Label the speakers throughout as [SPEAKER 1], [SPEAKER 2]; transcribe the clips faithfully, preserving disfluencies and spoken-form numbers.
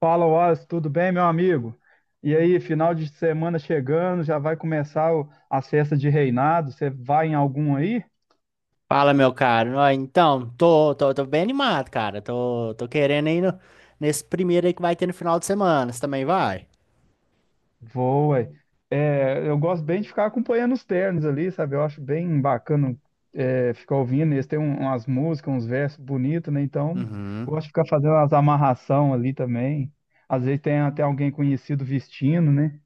[SPEAKER 1] Fala, Wallace, tudo bem, meu amigo? E aí, final de semana chegando, já vai começar o- as festas de reinado. Você vai em algum aí?
[SPEAKER 2] Fala, meu caro. Ó, então, tô, tô, tô bem animado, cara. Tô, tô querendo ir no- nesse primeiro aí que vai ter no final de semana. Você também vai?
[SPEAKER 1] Vou, ué. É, eu gosto bem de ficar acompanhando os ternos ali, sabe? Eu acho bem bacana é, ficar ouvindo. Eles têm um- umas músicas, uns versos bonitos, né? Então, eu
[SPEAKER 2] Uhum.
[SPEAKER 1] gosto de ficar fazendo as amarração ali também. Às vezes tem até alguém conhecido vestindo, né?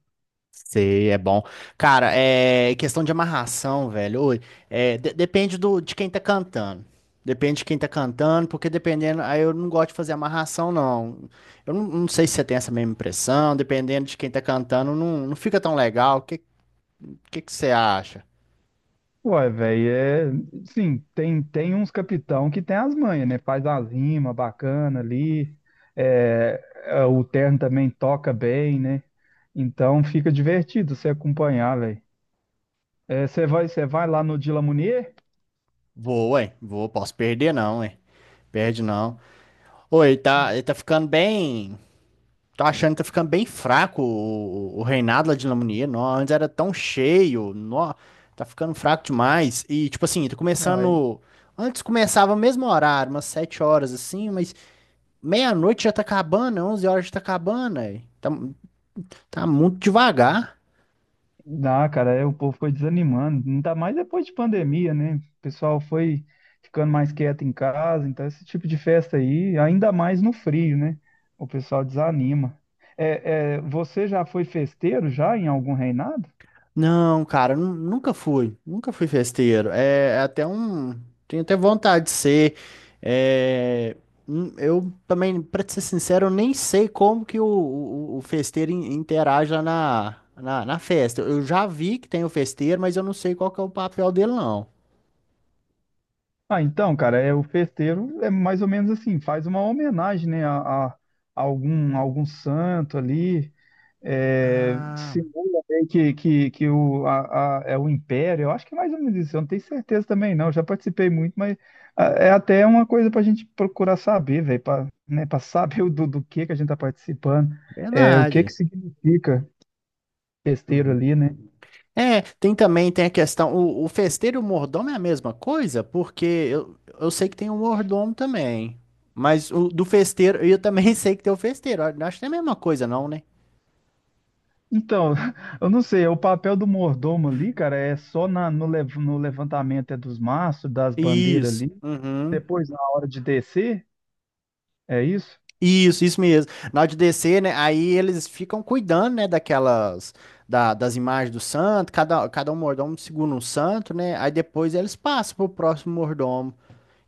[SPEAKER 2] Sei, é bom. Cara, é questão de amarração, velho. Oi, é, de- depende do, de quem tá cantando. Depende de quem tá cantando, porque dependendo. Aí eu não gosto de fazer amarração, não. Eu não, não sei se você tem essa mesma impressão. Dependendo de quem tá cantando, não, não fica tão legal. O que, que, que você acha?
[SPEAKER 1] Uai, velho, é. Sim, tem, tem uns capitão que tem as manhas, né? Faz as rimas bacana ali. é, é, o terno também toca bem, né? Então fica divertido você acompanhar, velho. você vai, você vai lá no Dila Munier?
[SPEAKER 2] Vou, ué. Vou, posso perder, não, ué. Perde não. Oi, ele tá, ele tá ficando bem. Tô achando que tá ficando bem fraco o, o reinado lá de Lamonier. Nó, antes era tão cheio. Nó, tá ficando fraco demais. E, tipo assim, tá
[SPEAKER 1] Não,
[SPEAKER 2] começando. Antes começava o mesmo horário, umas sete horas assim, mas meia-noite já tá acabando, onze horas já tá acabando aí. Tá, tá muito devagar.
[SPEAKER 1] dá, cara, é, o povo foi desanimando, ainda mais depois de pandemia, né? O pessoal foi ficando mais quieto em casa, então esse tipo de festa aí, ainda mais no frio, né? O pessoal desanima. É, é, você já foi festeiro já em algum reinado?
[SPEAKER 2] Não, cara, nu- nunca fui, nunca fui festeiro. É, é até um, tenho até vontade de ser. É, hum, eu também, pra te ser sincero, eu nem sei como que o, o, o festeiro in- interage lá na, na, na festa. Eu já vi que tem o festeiro, mas eu não sei qual que é o papel dele, não.
[SPEAKER 1] Ah, então, cara, é o festeiro é mais ou menos assim, faz uma homenagem, né, a, a- a algum algum santo ali, é,
[SPEAKER 2] Ah,
[SPEAKER 1] simula meio que, que, que o, a, a- é o Império, eu acho que é mais ou menos isso, eu não tenho certeza também não, eu já participei muito, mas ah, é até uma coisa para a gente procurar saber, velho, para né, para saber o do, do que que a gente está participando, é, o que que
[SPEAKER 2] verdade.
[SPEAKER 1] significa besteiro ali, né?
[SPEAKER 2] É, tem também, tem a questão, o, o festeiro e o mordomo é a mesma coisa, porque eu, eu sei que tem um mordomo também, mas o do festeiro, eu também sei que tem o festeiro, eu acho que é a mesma coisa não, né?
[SPEAKER 1] Então, eu não sei, o papel do mordomo ali, cara, é só na, no, lev- no levantamento é dos mastros, das bandeiras
[SPEAKER 2] Isso,
[SPEAKER 1] ali,
[SPEAKER 2] uhum,
[SPEAKER 1] depois na hora de descer, é isso?
[SPEAKER 2] isso, isso mesmo. Na hora de descer, né, aí eles ficam cuidando, né, daquelas, da- das imagens do santo, cada, cada um mordomo segura um santo, né, aí depois eles passam pro próximo mordomo.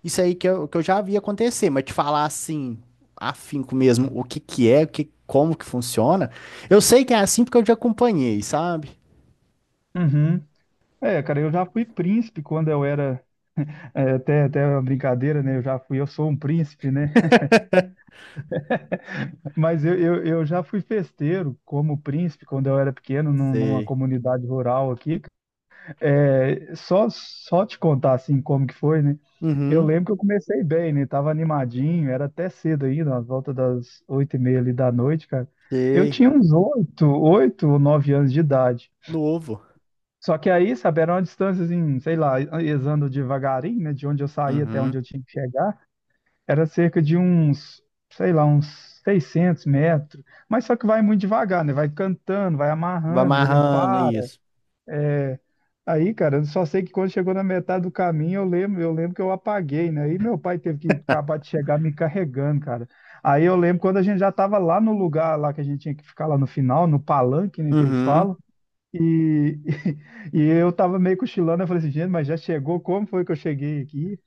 [SPEAKER 2] Isso aí que eu, que eu já vi acontecer, mas te falar assim, afinco mesmo, o que que é, o que, como que funciona, eu sei que é assim porque eu já acompanhei, sabe?
[SPEAKER 1] Uhum. É, cara, eu já fui príncipe quando eu era É até, até uma brincadeira, né? Eu já fui, eu sou um príncipe, né? Mas eu, eu, eu já fui festeiro como príncipe quando eu era pequeno, num- numa
[SPEAKER 2] Sei.
[SPEAKER 1] comunidade rural aqui. É, só, só te contar assim como que foi, né? Eu
[SPEAKER 2] Uhum,
[SPEAKER 1] lembro que eu comecei bem, né? Tava animadinho, era até cedo ainda, às volta das oito e meia ali da noite, cara. Eu
[SPEAKER 2] sei.
[SPEAKER 1] tinha uns oito, oito ou nove anos de idade.
[SPEAKER 2] Novo.
[SPEAKER 1] Só que aí, sabe, era uma distância, assim, sei lá, andando devagarinho, né? De onde eu saía até onde
[SPEAKER 2] Uhum.
[SPEAKER 1] eu tinha que chegar. Era cerca de uns, sei lá, uns seiscentos metros. Mas só que vai muito devagar, né? Vai cantando, vai
[SPEAKER 2] Vai
[SPEAKER 1] amarrando, quer dizer,
[SPEAKER 2] amarrando
[SPEAKER 1] para.
[SPEAKER 2] isso.
[SPEAKER 1] É... Aí, cara, eu só sei que quando chegou na metade do caminho, eu lembro, eu lembro que eu apaguei, né? E meu pai teve que acabar de chegar me carregando, cara. Aí eu lembro quando a gente já estava lá no lugar lá que a gente tinha que ficar lá no final, no palanque, né, que eles
[SPEAKER 2] Uhum.
[SPEAKER 1] falam. E, e, eu tava meio cochilando, eu falei assim, gente, mas já chegou? Como foi que eu cheguei aqui?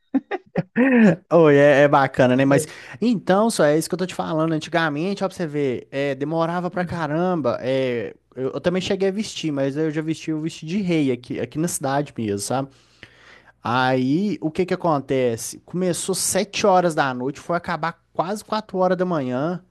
[SPEAKER 2] Oi, é, é bacana, né? Mas então, só é isso que eu tô te falando. Antigamente, ó, pra você ver, é, demorava pra caramba. É, eu, eu também cheguei a vestir, mas eu já vesti o vestido de rei aqui, aqui na cidade mesmo, sabe? Aí, o que que acontece? Começou sete horas da noite, foi acabar quase quatro horas da manhã.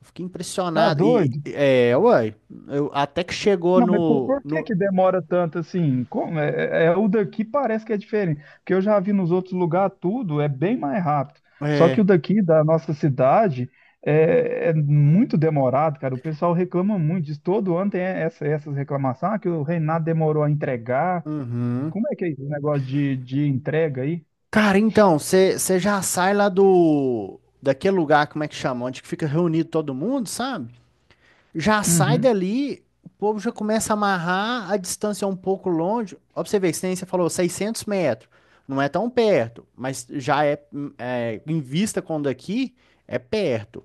[SPEAKER 2] Eu fiquei
[SPEAKER 1] Tá
[SPEAKER 2] impressionado. E,
[SPEAKER 1] doido?
[SPEAKER 2] é, uai, eu, até que chegou
[SPEAKER 1] Não, mas por,
[SPEAKER 2] no,
[SPEAKER 1] por que
[SPEAKER 2] no,
[SPEAKER 1] que demora tanto assim? Como é, é- é- o daqui parece que é diferente, porque eu já vi nos outros lugares tudo é bem mais rápido. Só que o
[SPEAKER 2] é,
[SPEAKER 1] daqui da nossa cidade é, é muito demorado, cara. O pessoal reclama muito disso. Todo ano tem essa, essas reclamações, ah, que o Reinado demorou a entregar.
[SPEAKER 2] uhum.
[SPEAKER 1] Como é que é esse negócio de, de entrega aí?
[SPEAKER 2] Cara, então, você já sai lá do, daquele lugar, como é que chama? Onde que fica reunido todo mundo, sabe? Já sai
[SPEAKER 1] Uhum.
[SPEAKER 2] dali, o povo já começa a amarrar, a distância é um pouco longe. Ó, pra você ver, que nem você falou, seiscentos metros. Não é tão perto, mas já é, hum, é, em vista quando aqui, é perto.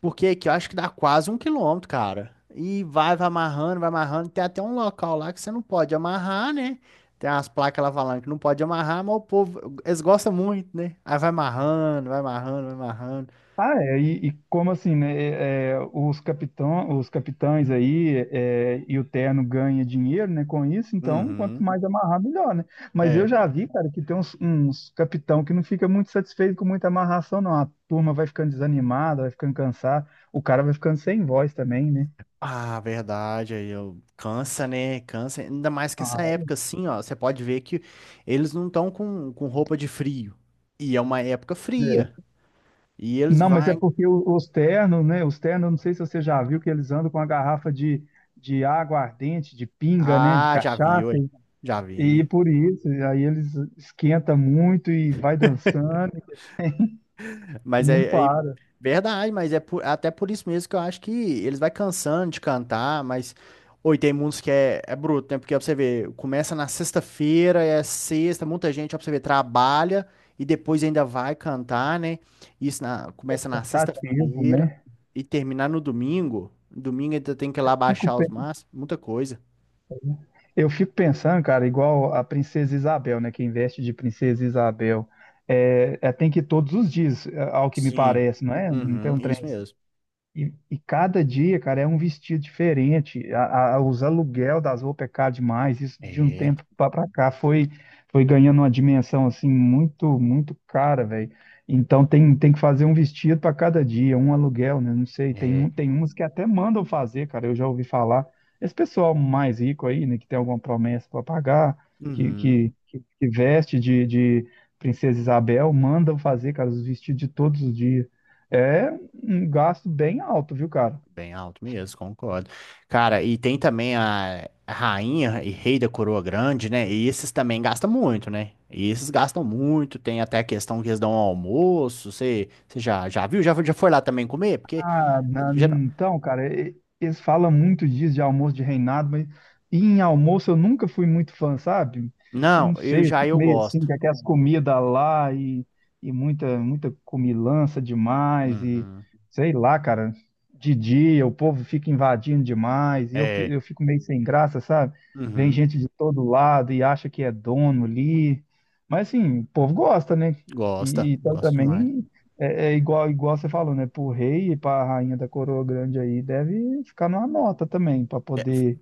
[SPEAKER 2] Porque aqui eu acho que dá quase um quilômetro, cara. E vai, vai amarrando, vai amarrando. Tem até um local lá que você não pode amarrar, né? Tem umas placas lá falando que não pode amarrar, mas o povo, eles gostam muito, né? Aí vai amarrando, vai amarrando, vai amarrando.
[SPEAKER 1] Ah, é, e, e como assim, né? é, é, os capitão, os capitães aí é, e o terno ganha dinheiro, né? Com isso, então quanto
[SPEAKER 2] Uhum.
[SPEAKER 1] mais amarrar, melhor, né? Mas eu
[SPEAKER 2] É.
[SPEAKER 1] já vi, cara, que tem uns, uns capitão que não fica muito satisfeito com muita amarração, não. A turma vai ficando desanimada, vai ficando cansada, o cara vai ficando sem voz também, né?
[SPEAKER 2] Ah, verdade, aí eu cansa, né? Cansa, ainda mais que essa
[SPEAKER 1] Ah,
[SPEAKER 2] época assim, ó, você pode ver que eles não estão com, com roupa de frio. E é uma época fria.
[SPEAKER 1] é.
[SPEAKER 2] E eles
[SPEAKER 1] Não, mas é
[SPEAKER 2] vão.
[SPEAKER 1] porque o- os ternos, né? Os ternos, não sei se você já viu que eles andam com a garrafa de, de água ardente, de pinga, né? De
[SPEAKER 2] Ah, já vi,
[SPEAKER 1] cachaça.
[SPEAKER 2] ué. Já
[SPEAKER 1] E
[SPEAKER 2] vi.
[SPEAKER 1] por isso, aí eles esquenta muito e vai dançando e
[SPEAKER 2] Mas
[SPEAKER 1] não
[SPEAKER 2] é, é
[SPEAKER 1] para,
[SPEAKER 2] verdade, mas é por- até por isso mesmo que eu acho que eles vai cansando de cantar, mas oi, tem muitos que é, é bruto, né? Porque ó, pra você ver, começa na sexta-feira, é sexta, muita gente, ó, pra você ver, trabalha e depois ainda vai cantar, né? Isso na- começa na
[SPEAKER 1] cansativo,
[SPEAKER 2] sexta-feira
[SPEAKER 1] né?
[SPEAKER 2] e terminar no domingo. Domingo ainda tem que ir lá
[SPEAKER 1] Fico,
[SPEAKER 2] baixar
[SPEAKER 1] pe-
[SPEAKER 2] os maços, muita coisa.
[SPEAKER 1] eu fico pensando, cara, igual a Princesa Isabel, né? Quem veste de Princesa Isabel. É, é, tem que ir todos os dias, é, ao que me
[SPEAKER 2] Sim.
[SPEAKER 1] parece, não é? Não tem
[SPEAKER 2] Uhum,
[SPEAKER 1] um trem.
[SPEAKER 2] isso mesmo.
[SPEAKER 1] E, e cada dia, cara, é um vestido diferente. A, a- os aluguel das roupas é caro demais. Isso de um
[SPEAKER 2] É,
[SPEAKER 1] tempo para cá foi, foi ganhando uma dimensão assim muito, muito cara, velho. Então tem, tem que fazer um vestido para cada dia, um aluguel, né? Não sei, tem, um-
[SPEAKER 2] é.
[SPEAKER 1] tem uns que até mandam fazer, cara. Eu já ouvi falar. Esse pessoal mais rico aí, né, que tem alguma promessa para pagar, que,
[SPEAKER 2] Uhum.
[SPEAKER 1] que, que, que veste de, de Princesa Isabel, mandam fazer, cara, os vestidos de todos os dias. É um gasto bem alto, viu, cara?
[SPEAKER 2] Bem alto mesmo, concordo. Cara, e tem também a rainha e rei da coroa grande, né? E esses também gastam muito, né? E esses gastam muito, tem até a questão que eles dão ao almoço. Você você já, já viu? Já, já foi lá também comer? Porque.
[SPEAKER 1] Ah, na-
[SPEAKER 2] geral-
[SPEAKER 1] então, cara, e- eles falam muito disso de almoço de reinado, mas em almoço eu nunca fui muito fã, sabe? Eu não
[SPEAKER 2] Não, eu
[SPEAKER 1] sei, eu
[SPEAKER 2] já
[SPEAKER 1] fico
[SPEAKER 2] eu
[SPEAKER 1] meio assim,
[SPEAKER 2] gosto.
[SPEAKER 1] com aquelas comidas lá e, e muita, muita comilança demais, e
[SPEAKER 2] Uhum.
[SPEAKER 1] sei lá, cara, de dia o povo fica invadindo demais, e eu, fi-
[SPEAKER 2] É.
[SPEAKER 1] eu fico meio sem graça, sabe? Vem
[SPEAKER 2] Uhum.
[SPEAKER 1] gente de todo lado e acha que é dono ali. Mas assim, o povo gosta, né?
[SPEAKER 2] Gosta,
[SPEAKER 1] E, então
[SPEAKER 2] gosta demais.
[SPEAKER 1] também é, é igual, igual você falou, né? Pro rei e pra rainha da coroa grande aí, deve ficar numa nota também, pra
[SPEAKER 2] É
[SPEAKER 1] poder,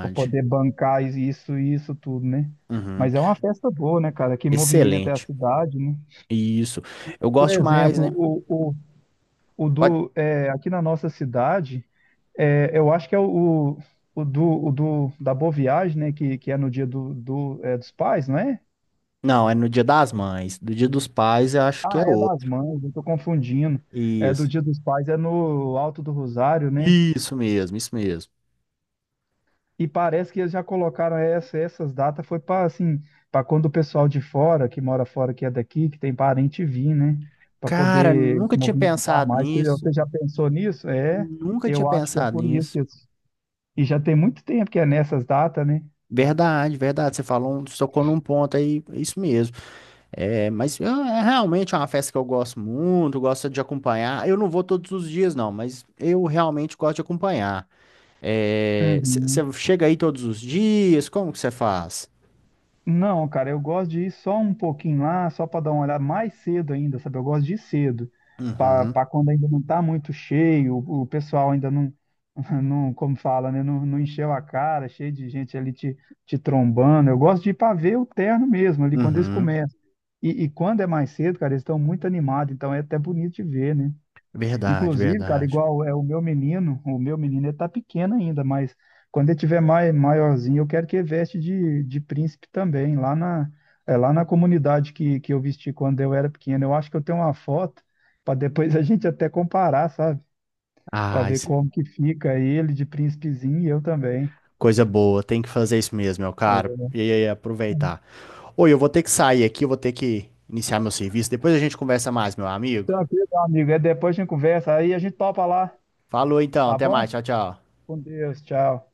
[SPEAKER 1] para poder bancar isso e isso tudo, né?
[SPEAKER 2] Uhum.
[SPEAKER 1] Mas é uma festa boa, né, cara? Que movimenta é a
[SPEAKER 2] Excelente.
[SPEAKER 1] cidade, né?
[SPEAKER 2] Isso. Eu
[SPEAKER 1] Por
[SPEAKER 2] gosto mais,
[SPEAKER 1] exemplo,
[SPEAKER 2] né?
[SPEAKER 1] o, o, o
[SPEAKER 2] Pode-
[SPEAKER 1] do, é, aqui na nossa cidade, é, eu acho que é o, o, o do, o do, da Boa Viagem, né? Que, que é no dia do, do, é, dos pais, não é?
[SPEAKER 2] Não, é no dia das mães. Do dia dos pais, eu acho que
[SPEAKER 1] Ah,
[SPEAKER 2] é
[SPEAKER 1] é das
[SPEAKER 2] outro.
[SPEAKER 1] mães, eu tô confundindo. É do
[SPEAKER 2] Isso.
[SPEAKER 1] dia dos pais, é no Alto do Rosário, né?
[SPEAKER 2] Isso mesmo, isso mesmo.
[SPEAKER 1] E parece que eles já colocaram essa, essas datas, foi para assim, para quando o pessoal de fora, que mora fora, que é daqui, que tem parente vir, né? Para
[SPEAKER 2] Cara,
[SPEAKER 1] poder
[SPEAKER 2] nunca tinha
[SPEAKER 1] movimentar
[SPEAKER 2] pensado
[SPEAKER 1] mais. Você, você
[SPEAKER 2] nisso.
[SPEAKER 1] já pensou nisso? É,
[SPEAKER 2] Nunca tinha
[SPEAKER 1] eu acho que é
[SPEAKER 2] pensado
[SPEAKER 1] por isso
[SPEAKER 2] nisso.
[SPEAKER 1] que eles... E já tem muito tempo que é nessas datas, né?
[SPEAKER 2] Verdade, verdade. Você falou, um- tocou num ponto aí, isso mesmo. É, mas é é realmente uma festa que eu gosto muito, gosto de acompanhar. Eu não vou todos os dias, não, mas eu realmente gosto de acompanhar.
[SPEAKER 1] Uhum.
[SPEAKER 2] Você chega aí todos os dias, como que você faz?
[SPEAKER 1] Não, cara, eu gosto de ir só um pouquinho lá, só para dar uma olhada mais cedo ainda, sabe? Eu gosto de ir cedo,
[SPEAKER 2] Uhum,
[SPEAKER 1] para quando ainda não tá muito cheio, o, o pessoal ainda não, não, como fala, né? Não, não encheu a cara, cheio de gente ali te, te trombando. Eu gosto de ir para ver o terno mesmo, ali quando eles
[SPEAKER 2] uhum.
[SPEAKER 1] começam. E, e quando é mais cedo, cara, eles estão muito animados, então é até bonito de ver, né?
[SPEAKER 2] Verdade,
[SPEAKER 1] Inclusive, cara,
[SPEAKER 2] verdade.
[SPEAKER 1] igual é o meu menino, o meu menino ele tá pequeno ainda, mas quando ele tiver mai, maiorzinho, eu quero que ele veste de, de príncipe também, lá na, é, lá na comunidade que, que eu vesti quando eu era pequeno. Eu acho que eu tenho uma foto para depois a gente até comparar, sabe? Para
[SPEAKER 2] Ah,
[SPEAKER 1] ver
[SPEAKER 2] isso.
[SPEAKER 1] como que fica ele de príncipezinho e eu também.
[SPEAKER 2] Coisa boa, tem que fazer isso mesmo, meu caro. E aí, aproveitar. Oi, eu vou ter que sair aqui, eu vou ter que iniciar meu serviço. Depois a gente conversa mais, meu amigo.
[SPEAKER 1] Tranquilo, meu amigo, é depois a gente conversa, aí a gente topa lá,
[SPEAKER 2] Falou então,
[SPEAKER 1] tá
[SPEAKER 2] até mais,
[SPEAKER 1] bom?
[SPEAKER 2] tchau, tchau.
[SPEAKER 1] Com Deus, tchau.